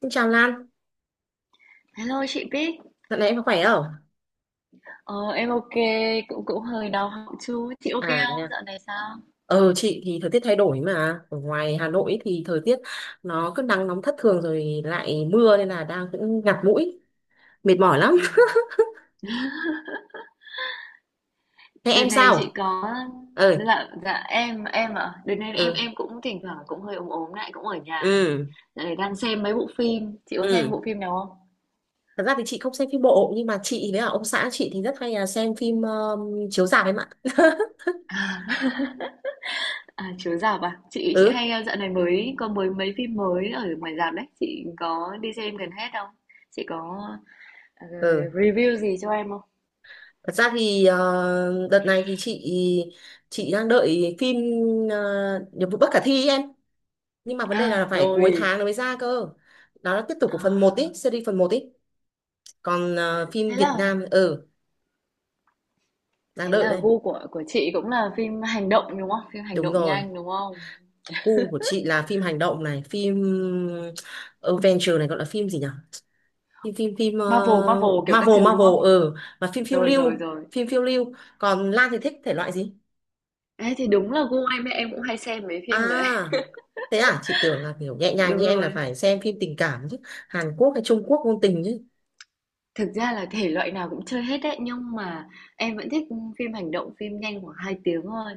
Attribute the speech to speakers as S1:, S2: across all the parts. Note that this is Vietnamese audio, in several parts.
S1: Xin chào Lan,
S2: Hello chị Bích,
S1: dạo này em có khỏe không?
S2: ờ, em ok, cũng cũng hơi đau họng chút. Chị ok
S1: À,
S2: không?
S1: nha.
S2: Dạo này sao?
S1: Chị thì thời tiết thay đổi mà ở ngoài Hà Nội thì thời tiết nó cứ nắng nóng thất thường rồi lại mưa nên là đang cũng ngạt mũi mệt mỏi lắm.
S2: Ừ.
S1: Thế
S2: Đợt
S1: em
S2: này chị
S1: sao?
S2: có.
S1: Ờ,
S2: Dạ dạ em ạ. Đợt này em
S1: ừ,
S2: em cũng thỉnh thoảng cũng hơi ốm ốm lại cũng ở nhà.
S1: ừ,
S2: Dạo này đang xem mấy bộ phim. Chị có xem
S1: ừ.
S2: bộ phim nào không?
S1: Thật ra thì chị không xem phim bộ nhưng mà chị với cả ông xã chị thì rất hay là xem phim chiếu rạp em ạ.
S2: À, à chiếu rạp à? Chị
S1: Ừ,
S2: hay dạo này mới có mới mấy phim mới ở ngoài rạp đấy. Chị có đi xem gần hết không? Chị có ờ,
S1: ừ,
S2: review gì cho em không?
S1: thật ra thì đợt này thì chị đang đợi phim, ờ, Nhiệm vụ bất khả thi ấy em, nhưng mà vấn đề là
S2: À
S1: phải cuối
S2: rồi.
S1: tháng nó mới ra cơ. Đó là tiếp tục của phần một ý,
S2: À
S1: series phần một ý. Còn phim
S2: thế
S1: Việt
S2: là.
S1: Nam, ừ, đang
S2: Thế
S1: đợi
S2: là
S1: đây.
S2: gu của chị cũng là phim hành động đúng không? Phim hành
S1: Đúng
S2: động
S1: rồi,
S2: nhanh đúng không?
S1: gu của chị là phim hành động này, phim ờ, adventure này, gọi là phim gì nhỉ, phim phim phim ờ,
S2: Marvel, Marvel kiểu các
S1: Marvel,
S2: thứ đúng
S1: Marvel,
S2: không?
S1: ừ, và phim phiêu
S2: Rồi rồi
S1: lưu,
S2: rồi.
S1: phim phiêu lưu. Còn Lan thì thích thể loại gì?
S2: Ê, thì đúng là gu em cũng hay xem mấy phim đấy.
S1: À thế à, chị tưởng là kiểu nhẹ nhàng
S2: Đúng
S1: như em là
S2: rồi.
S1: phải xem phim tình cảm chứ, Hàn Quốc hay Trung Quốc ngôn tình chứ.
S2: Thực ra là thể loại nào cũng chơi hết đấy nhưng mà em vẫn thích phim hành động, phim nhanh khoảng 2 tiếng thôi.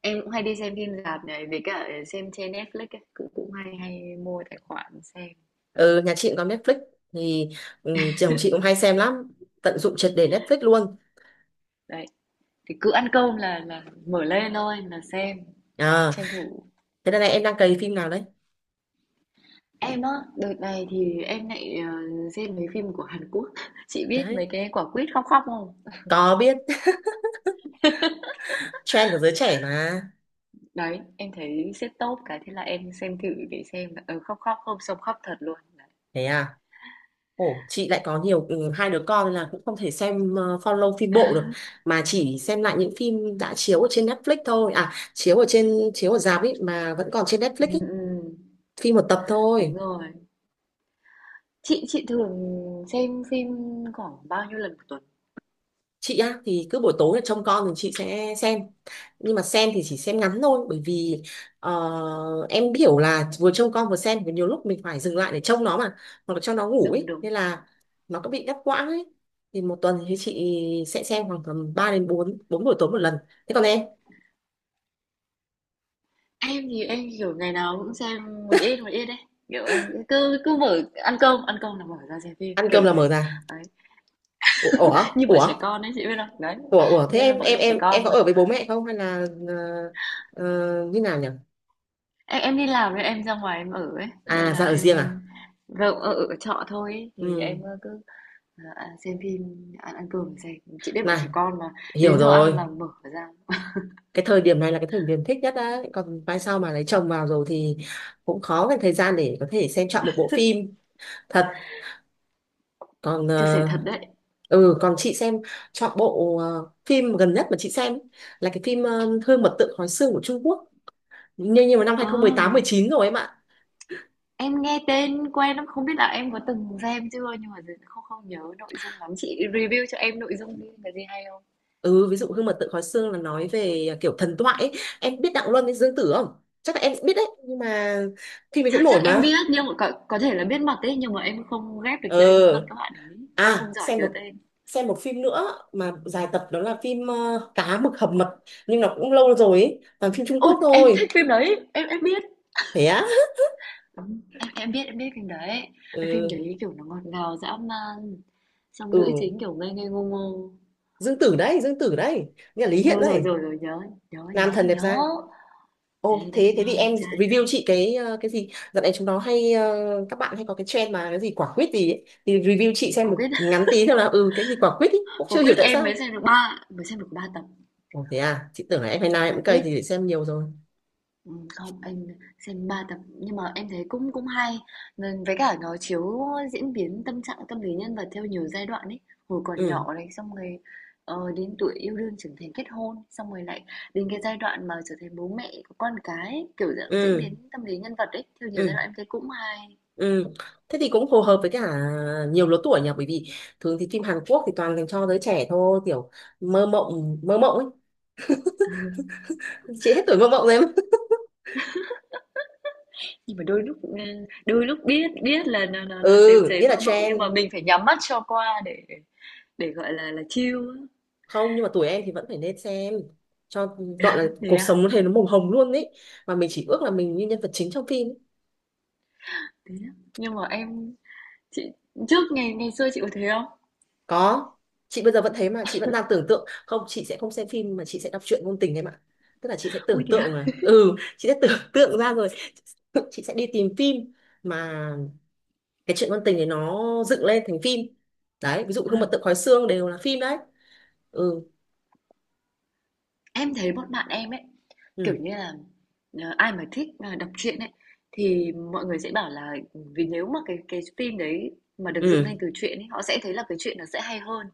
S2: Em cũng hay đi xem phim rạp này với cả xem trên Netflix ấy, cũng cũng hay hay mua tài khoản xem.
S1: Ừ, nhà chị cũng có Netflix thì, ừ, chồng chị cũng hay xem lắm, tận dụng triệt để Netflix luôn.
S2: Đấy, thì cứ ăn cơm là mở lên thôi là xem
S1: À,
S2: tranh thủ.
S1: thế đây này em đang cày phim nào đấy?
S2: Em á, đợt này thì em lại xem mấy phim của Hàn Quốc. Chị biết mấy
S1: Đấy,
S2: cái quả quýt khóc khóc không?
S1: có biết. Trend của giới trẻ mà.
S2: Đấy, em thấy xếp top cái thế là em xem thử để xem là khóc khóc không xong khóc thật luôn. Đấy.
S1: Thế à? Ồ, chị lại có nhiều, ừ, 2 đứa con nên là cũng không thể xem, follow phim bộ được, mà chỉ xem lại những phim đã chiếu ở trên Netflix thôi. À, chiếu ở trên, chiếu ở rạp ấy mà vẫn còn trên Netflix
S2: Ừ,
S1: ấy,
S2: ừ,
S1: phim một tập
S2: đúng
S1: thôi.
S2: rồi. Chị thường xem phim khoảng bao nhiêu lần một tuần?
S1: Chị á thì cứ buổi tối là trông con thì chị sẽ xem, nhưng mà xem thì chỉ xem ngắn thôi bởi vì ờ, em hiểu là vừa trông con vừa xem thì nhiều lúc mình phải dừng lại để trông nó mà, hoặc là cho nó ngủ
S2: Đúng
S1: ấy,
S2: đúng.
S1: nên là nó có bị đứt quãng ấy. Thì một tuần thì chị sẽ xem khoảng tầm 3 đến 4 bốn buổi tối một lần. Thế còn em?
S2: Em thì em kiểu ngày nào cũng xem một ít đấy. Kiểu em cứ cứ mở ăn cơm là mở ra xem phim
S1: Ăn
S2: kiểu
S1: cơm là
S2: thế.
S1: mở ra.
S2: Đấy.
S1: ủa ủa
S2: Như bọn
S1: ủa
S2: trẻ con ấy chị biết không? Đấy.
S1: ủa ủa? Thế
S2: Như
S1: em
S2: bọn
S1: em
S2: trẻ
S1: em em
S2: con
S1: có ở với bố mẹ không hay là ờ, như nào nhỉ?
S2: em đi làm nên em ra ngoài em ở ấy nên
S1: À
S2: là
S1: ra ở
S2: em
S1: riêng à?
S2: vâng ở trọ thôi ấy. Thì
S1: Ừ
S2: em cứ xem phim ăn ăn cơm xem chị biết bọn
S1: này,
S2: trẻ con mà
S1: hiểu
S2: đến giờ ăn
S1: rồi.
S2: là mở ra
S1: Cái thời điểm này là cái thời điểm thích nhất đấy, còn mai sau mà lấy chồng vào rồi thì cũng khó cái thời gian để có thể xem trọn một bộ phim thật. Còn
S2: chia sẻ thật đấy.
S1: ừ, còn chị xem, chọn bộ phim gần nhất mà chị xem ấy, là cái phim Hương mật tượng khói xương của Trung Quốc, nhưng mà năm
S2: À,
S1: 2018 19 rồi em ạ.
S2: em nghe tên quen lắm không biết là em có từng xem chưa nhưng mà không không nhớ nội dung lắm chị review cho em nội dung đi là gì hay không.
S1: Ừ, ví dụ Hương mật tượng khói xương là nói về kiểu thần thoại ấy. Em biết Đặng Luân với Dương Tử không? Chắc là em biết đấy, nhưng mà phim ấy
S2: chắc
S1: cũng
S2: chắc
S1: nổi
S2: em biết
S1: mà.
S2: nhưng mà có thể là biết mặt ấy nhưng mà em không ghép được
S1: Ờ,
S2: tên với mặt các bạn ấy không không
S1: à,
S2: giỏi
S1: xem
S2: nhớ
S1: một,
S2: tên.
S1: xem một phim nữa mà dài tập, đó là phim Cá mực hầm mật, nhưng nó cũng lâu rồi ấy, toàn phim Trung
S2: Ôi
S1: Quốc
S2: em
S1: thôi.
S2: thích phim đấy em biết.
S1: Thế á?
S2: Đúng. Em biết phim đấy. Cái phim
S1: Ừ,
S2: đấy kiểu nó ngọt ngào dã man. Xong
S1: ừ,
S2: nữ chính kiểu ngây ngây ngô ngô.
S1: Dương Tử đấy, như là Lý
S2: Đúng
S1: Hiện
S2: đâu rồi
S1: đấy,
S2: rồi rồi nhớ nhớ
S1: nam
S2: nhớ
S1: thần đẹp
S2: nhớ.
S1: trai.
S2: Ê,
S1: Ô
S2: đẹp
S1: thế thế
S2: nha,
S1: thì
S2: đẹp
S1: em
S2: trai nha.
S1: review chị cái, cái gì? Dạo này chúng nó hay, các bạn hay có cái trend mà cái gì quả quýt gì ấy. Thì review chị xem
S2: Quả
S1: một
S2: quyết
S1: ngắn tí thôi, là ừ cái gì quả quýt ấy, cũng
S2: quả
S1: chưa
S2: quyết
S1: hiểu tại
S2: em
S1: sao.
S2: mới xem được ba tập.
S1: Ồ thế à, chị tưởng là em hay nào em
S2: Quả
S1: cũng cày
S2: quyết.
S1: thì để xem nhiều rồi.
S2: Không, anh xem 3 tập nhưng mà em thấy cũng cũng hay. Nên với cả nó chiếu diễn biến tâm trạng tâm lý nhân vật theo nhiều giai đoạn ấy. Hồi còn
S1: Ừ,
S2: nhỏ này xong rồi đến tuổi yêu đương trưởng thành kết hôn, xong rồi lại đến cái giai đoạn mà trở thành bố mẹ có con cái, ấy, kiểu dạng diễn
S1: ừ,
S2: biến tâm lý nhân vật ấy theo nhiều giai
S1: ừ.
S2: đoạn em thấy cũng hay.
S1: Ừ. Thế thì cũng phù hợp với cả nhiều lứa tuổi nhỉ, bởi vì thường thì phim Hàn Quốc thì toàn dành cho giới trẻ thôi, kiểu mơ mộng ấy. Chị hết tuổi mơ mộng rồi em.
S2: Nhưng mà đôi lúc ừ, đôi lúc biết biết là nó xém
S1: Ừ biết
S2: xém
S1: là
S2: mơ mộng nhưng mà
S1: trend,
S2: mình phải nhắm mắt cho qua để gọi là chill á.
S1: không nhưng mà tuổi em thì vẫn phải nên xem cho, gọi là
S2: Thế
S1: cuộc
S2: à?
S1: sống nó thấy nó màu hồng luôn ấy, mà mình chỉ ước là mình như nhân vật chính trong phim ấy.
S2: Thế á. Nhưng mà em. Chị trước ngày ngày xưa chị có thế không?
S1: Có, chị bây giờ vẫn thế mà, chị vẫn đang tưởng tượng không, chị sẽ không xem phim mà chị sẽ đọc truyện ngôn tình em ạ. Tức là chị sẽ
S2: Ui
S1: tưởng
S2: thế à?
S1: tượng là ừ, chị sẽ tưởng tượng ra rồi. Chị sẽ đi tìm phim mà cái chuyện ngôn tình này nó dựng lên thành phim. Đấy, ví dụ gương mật
S2: Ừm.
S1: tượng khói xương đều là phim đấy. Ừ,
S2: Em thấy bọn bạn em ấy, kiểu
S1: ừ,
S2: như là, ai mà thích, à, đọc truyện ấy, thì mọi người sẽ bảo là vì nếu mà cái phim đấy mà được dựng lên
S1: ừ,
S2: từ truyện ấy, họ sẽ thấy là cái truyện nó sẽ hay hơn.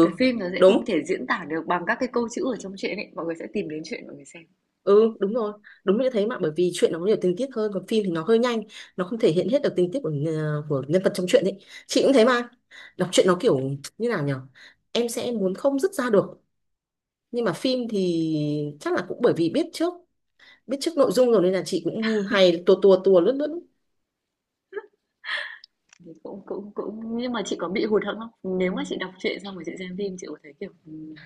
S2: Cái phim nó sẽ không
S1: đúng,
S2: thể diễn tả được bằng các cái câu chữ ở trong truyện ấy, mọi người sẽ tìm đến truyện mọi người xem.
S1: ừ đúng rồi, đúng như thế mà, bởi vì chuyện nó có nhiều tình tiết hơn, còn phim thì nó hơi nhanh, nó không thể hiện hết được tình tiết của của nhân vật trong chuyện ấy. Chị cũng thế mà, đọc truyện nó kiểu, như nào nhở, em sẽ muốn không dứt ra được. Nhưng mà phim thì chắc là cũng bởi vì biết trước, biết trước nội dung rồi, nên là chị cũng hay tua tua tua, lướt lướt.
S2: Thì cũng cũng cũng nhưng mà chị có bị hụt hẫng không? Nếu mà chị đọc truyện xong rồi chị xem phim chị có thấy, kiểu,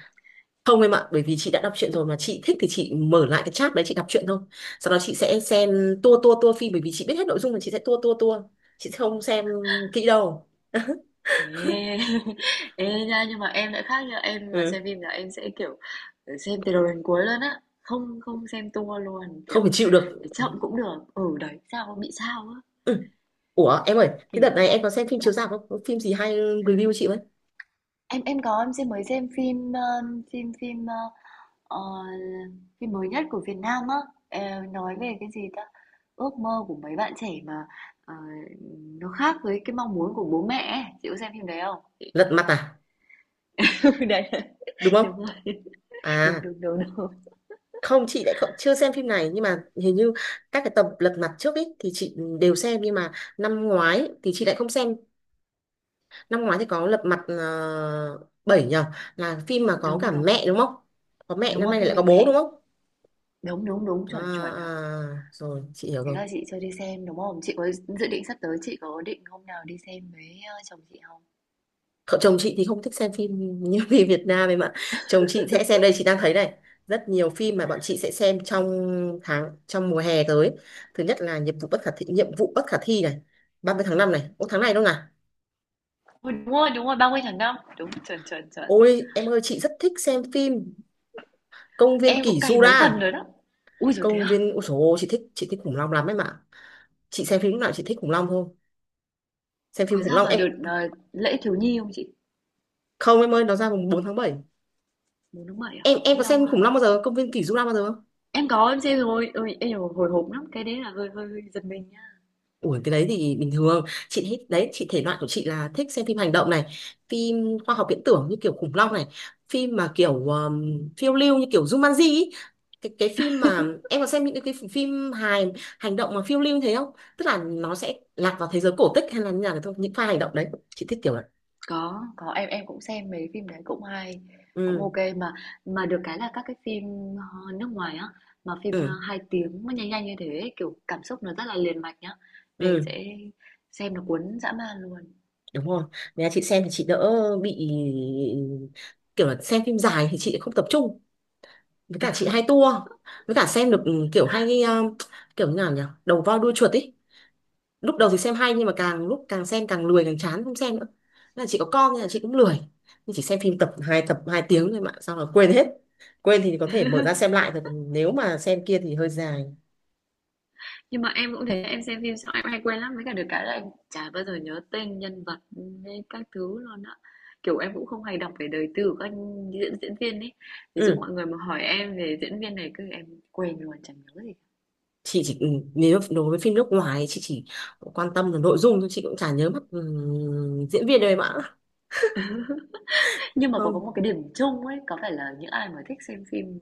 S1: Không em ạ, bởi vì chị đã đọc truyện rồi mà chị thích thì chị mở lại cái chat đấy chị đọc truyện thôi. Sau đó chị sẽ xem, tua tua tua phim, bởi vì chị biết hết nội dung mà, chị sẽ tua tua tua. Chị sẽ không xem kỹ đâu.
S2: Ê, ê nha nhưng mà em lại khác nha em mà
S1: Ừ.
S2: xem phim là em sẽ kiểu xem từ đầu đến cuối luôn á không không xem tua luôn
S1: Không phải,
S2: kiểu
S1: chịu được.
S2: để chậm cũng được ừ đấy sao bị sao á
S1: Ừ. Ủa em ơi, thế đợt
S2: kỳ.
S1: này em có xem phim chiếu rạp không? Có phim gì hay review chị với?
S2: Em có em xem mới xem phim phim phim ờ, phim mới nhất của Việt Nam á. Ờ, nói về cái gì ta ước mơ của mấy bạn trẻ mà ờ, nó khác với cái mong muốn của bố mẹ ấy. Chị có xem phim đấy không?
S1: Lật mặt à?
S2: Đấy
S1: Đúng
S2: đúng
S1: không?
S2: rồi đúng
S1: À,
S2: đúng đúng đúng
S1: không chị lại không, chưa xem phim này, nhưng mà hình như các cái tập Lật Mặt trước ấy thì chị đều xem, nhưng mà năm ngoái thì chị lại không xem. Năm ngoái thì có Lật Mặt 7 nhờ, là phim mà có cả
S2: đúng đúng.
S1: mẹ đúng không? Có mẹ,
S2: Đúng
S1: năm
S2: rồi,
S1: nay
S2: phim
S1: lại
S2: về
S1: có bố đúng
S2: mẹ.
S1: không?
S2: Đúng, đúng, đúng,
S1: À,
S2: chuẩn, chuẩn ạ.
S1: à, rồi chị hiểu
S2: Thế
S1: rồi.
S2: là chị chưa đi xem đúng không? Chị có dự định sắp tới chị có định hôm nào đi xem với chồng chị không?
S1: Cậu chồng chị thì không thích xem phim như phim Việt Nam ấy mà. Chồng chị sẽ xem, đây chị đang thấy này, rất nhiều phim mà bọn chị sẽ xem trong tháng, trong mùa hè tới. Thứ nhất là Nhiệm vụ bất khả thi, Nhiệm vụ bất khả thi này, 30 tháng 5 này, ô tháng này đâu nào.
S2: Ui, đúng rồi, 30 tháng 5. Đúng, chuẩn, chuẩn, chuẩn.
S1: Ôi em ơi, chị rất thích xem phim Công viên
S2: Em
S1: kỷ
S2: cũng cày mấy
S1: Jura.
S2: phần rồi đó. Ui rồi thế
S1: Công
S2: à?
S1: viên, ôi dồi ôi, chị thích, chị thích khủng long lắm ấy mà. Chị xem phim lúc nào chị thích khủng long thôi, xem
S2: Có
S1: phim khủng
S2: ra
S1: long
S2: vào
S1: em.
S2: đợt lễ thiếu nhi không chị?
S1: Không em ơi, nó ra mùng 4 tháng 7.
S2: 4 tháng 7 à?
S1: Em
S2: Thế
S1: có
S2: lâu
S1: xem
S2: ha.
S1: khủng long bao giờ, Công viên kỷ Jura bao giờ không?
S2: Em có em xem rồi. Ôi, em hồi hộp lắm. Cái đấy là hơi hơi, hơi giật mình nha.
S1: Ủa cái đấy thì bình thường chị thích đấy, chị thể loại của chị là thích xem phim hành động này, phim khoa học viễn tưởng như kiểu khủng long này, phim mà kiểu phiêu lưu như kiểu Jumanji ý. Cái phim mà, em có xem những cái phim hài hành động mà phiêu lưu như thế không? Tức là nó sẽ lạc vào thế giới cổ tích hay là như nào đấy, thôi những pha hành động đấy chị thích kiểu vậy.
S2: Có, em cũng xem mấy phim đấy cũng hay, cũng
S1: Ừ,
S2: ok mà được cái là các cái phim, nước ngoài á, mà phim,
S1: ừ,
S2: ơ, 2 tiếng mà nhanh nhanh như thế kiểu, cảm xúc nó rất là liền mạch nhá, mình
S1: ừ,
S2: sẽ xem nó cuốn dã man luôn,
S1: đúng rồi. Nếu chị xem thì chị đỡ bị, kiểu là xem phim dài thì chị không tập trung, với cả chị hay tua, với cả xem được, ừ, kiểu hay kiểu như nào nhỉ, đầu voi đuôi chuột ý. Lúc đầu thì
S2: đúng.
S1: xem hay, nhưng mà càng lúc càng xem càng lười, càng chán không xem nữa. Nên là chị có con nên là chị cũng lười, nhưng chỉ xem phim tập hai tập, 2 tiếng thôi mà, xong là quên hết. Quên thì có thể mở ra xem lại thôi, còn nếu mà xem kia thì hơi dài.
S2: Nhưng mà em cũng thế, em xem phim xong em hay quên lắm, với cả được cái là em chả bao giờ nhớ tên nhân vật hay các thứ luôn á. Kiểu, em cũng không hay đọc về đời tư của các diễn diễn viên ấy, ví dụ
S1: Ừ,
S2: mọi người mà hỏi em về diễn viên này, cứ em quên luôn, chẳng nhớ gì.
S1: chị chỉ, ừ, nếu đối với phim nước ngoài chị chỉ quan tâm là nội dung thôi, chị cũng chả nhớ mất, ừ, diễn viên đâu em ạ.
S2: Nhưng mà có
S1: Không.
S2: một cái điểm chung ấy, có phải là những ai mà thích xem phim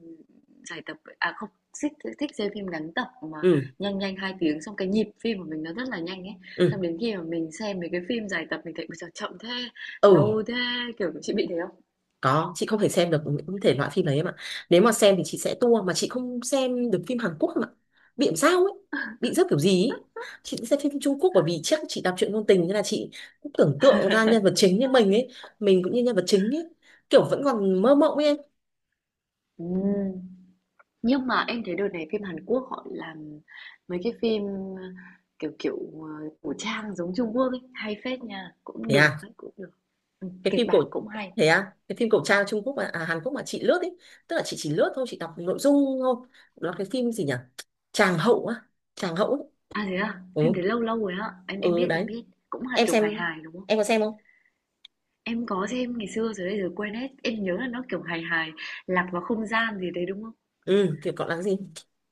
S2: dài tập à không, thích thích xem phim ngắn tập mà
S1: Ừ,
S2: nhanh nhanh 2 tiếng xong cái nhịp phim của mình nó rất là nhanh ấy. Xong
S1: ừ,
S2: đến khi mà mình xem mấy cái phim dài tập mình thấy bây giờ chậm thế,
S1: ừ.
S2: lâu thế, kiểu chị bị thế không?
S1: Có, chị không thể xem được những thể loại phim đấy em ạ. Nếu mà xem thì chị sẽ tua, mà chị không xem được phim Hàn Quốc em ạ, bị làm sao ấy, bị rớt kiểu gì ấy. Chị cũng xem phim Trung Quốc, bởi vì chắc chị đọc truyện ngôn tình, nên là chị cũng tưởng tượng ra nhân vật chính như mình ấy, mình cũng như nhân vật chính ấy, kiểu vẫn còn mơ mộng ấy em.
S2: Ừm. Nhưng mà em thấy đợt này phim Hàn Quốc họ làm mấy cái phim ờ, kiểu kiểu cổ trang giống Trung Quốc ấy, hay phết nha, cũng
S1: Thế
S2: được
S1: à,
S2: ấy, cũng được. Ừ,
S1: cái
S2: kịch
S1: phim cổ,
S2: bản cũng hay.
S1: thế à cái phim cổ trang Trung Quốc mà à, Hàn Quốc mà chị lướt ấy, tức là chị chỉ lướt thôi, chị đọc nội dung thôi. Nó cái phim gì nhỉ, Tràng hậu á, Tràng hậu ấy.
S2: À, thế à? Phim
S1: Ừ,
S2: đấy lâu lâu rồi á. Em
S1: ừ
S2: biết, em
S1: đấy.
S2: biết. Cũng là
S1: Em
S2: kiểu hài
S1: xem,
S2: hài đúng không?
S1: em có xem không?
S2: Em có xem ngày xưa rồi bây giờ quên hết. Em nhớ là nó kiểu hài hài, lạc vào không gian gì đấy đúng không?
S1: Ừ kiểu gọi là gì,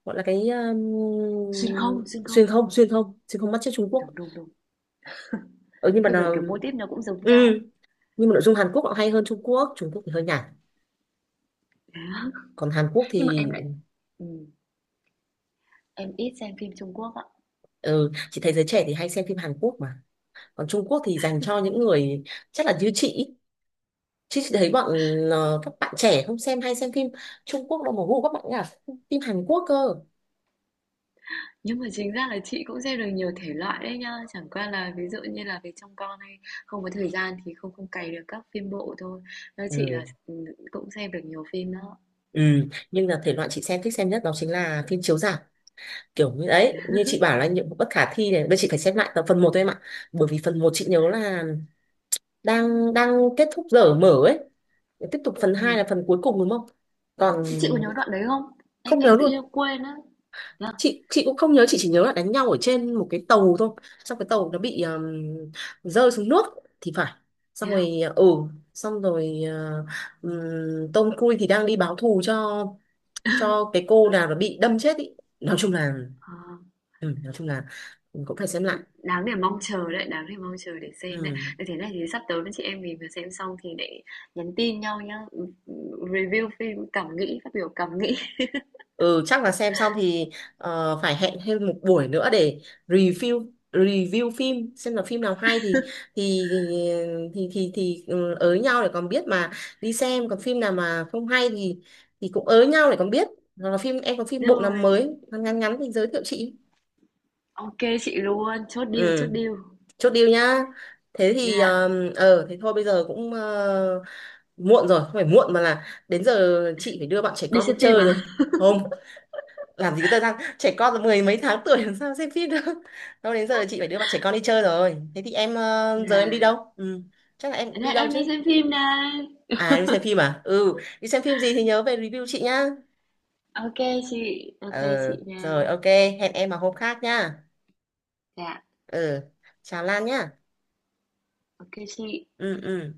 S1: gọi là cái,
S2: Xuyên không, xuyên
S1: xuyên
S2: không.
S1: không xuyên không, xuyên không bắt chước Trung Quốc.
S2: Đúng đúng đúng.
S1: Ừ, nhưng mà
S2: Bây giờ kiểu mô típ nó cũng giống
S1: ừ,
S2: nhau.
S1: nhưng mà nội dung Hàn Quốc họ hay hơn Trung Quốc. Trung Quốc thì hơi nhạt,
S2: Đấy á.
S1: còn Hàn Quốc
S2: Nhưng mà em
S1: thì,
S2: lại ừ, em ít xem phim Trung Quốc ạ.
S1: ừ, chị thấy giới trẻ thì hay xem phim Hàn Quốc mà, còn Trung Quốc thì dành cho những người, chắc là như chị ý. Chứ chị thấy bọn các bạn trẻ không xem, hay xem phim Trung Quốc đâu, mà gu các bạn ấy là phim Hàn Quốc cơ.
S2: Nhưng mà chính ra là chị cũng xem được nhiều thể loại đấy nhá. Chẳng qua là ví dụ như là về trong con hay không có thời gian thì không không cày được các phim bộ thôi. Nói chị
S1: Ừ.
S2: là ừ, cũng xem được nhiều phim đó.
S1: Ừ, nhưng là thể loại chị xem, thích xem nhất đó chính là phim chiếu rạp, kiểu như đấy như chị bảo là Nhiệm vụ bất khả thi này, bây giờ chị phải xem lại tập phần một thôi em ạ, bởi vì phần một chị nhớ là đang, đang kết thúc giờ mở ấy, tiếp tục phần hai
S2: Ừ.
S1: là phần cuối cùng đúng không? Còn,
S2: Thế chị có nhớ đoạn đấy không? Em
S1: không
S2: em
S1: nhớ
S2: tự
S1: luôn.
S2: nhiên quên á. Thế à?
S1: Chị cũng không nhớ, chị chỉ nhớ là đánh nhau ở trên một cái tàu thôi, xong cái tàu nó bị rơi xuống nước thì phải,
S2: Thế
S1: xong
S2: à?
S1: rồi ừ, xong rồi Tom Cruise thì đang đi báo thù cho cái cô nào nó bị đâm chết ý. Nói chung là,
S2: Ờ,
S1: ừ, nói chung là cũng phải xem lại.
S2: đáng để mong chờ đấy, đáng để mong chờ để xem đấy.
S1: Ừ.
S2: Thế thế này thì sắp tới với chị em mình vừa xem xong thì để nhắn tin nhau nhá. Review phim cảm nghĩ, phát biểu cảm nghĩ.
S1: Ừ, chắc là xem xong thì phải hẹn thêm một buổi nữa để review, review phim xem là phim nào hay thì, ừ, ới nhau để còn biết mà đi xem. Còn phim nào mà không hay thì cũng ới nhau để còn biết. Hoặc là phim, em có phim bộ nào
S2: Rồi,
S1: mới ngắn ngắn ngắn thì giới thiệu chị.
S2: ok chị luôn, chốt deal, chốt
S1: Ừ,
S2: deal.
S1: chốt deal nhá. Thế thì
S2: Dạ,
S1: ờ, thế thôi bây giờ cũng muộn rồi, không phải muộn mà là đến giờ chị phải đưa bạn trẻ
S2: đi
S1: con đi
S2: xem phim
S1: chơi
S2: à?
S1: rồi. Không, làm gì có thời gian, trẻ con 10 mấy tháng tuổi làm sao xem phim được. Đâu, đến giờ là chị phải đưa bạn trẻ con đi chơi rồi. Thế thì em giờ
S2: Dạ,
S1: em đi đâu ừ. Chắc là em
S2: Thế
S1: cũng đi
S2: này
S1: đâu
S2: em đi
S1: chứ.
S2: xem phim này.
S1: À đi xem phim à, ừ đi xem phim gì thì nhớ về review chị nhá.
S2: Ok
S1: Ờ,
S2: ok chị nha.
S1: rồi ok, hẹn em vào hôm khác nhá.
S2: Dạ,
S1: Ừ, chào Lan nhá.
S2: ok chị.
S1: Ừ, ừ.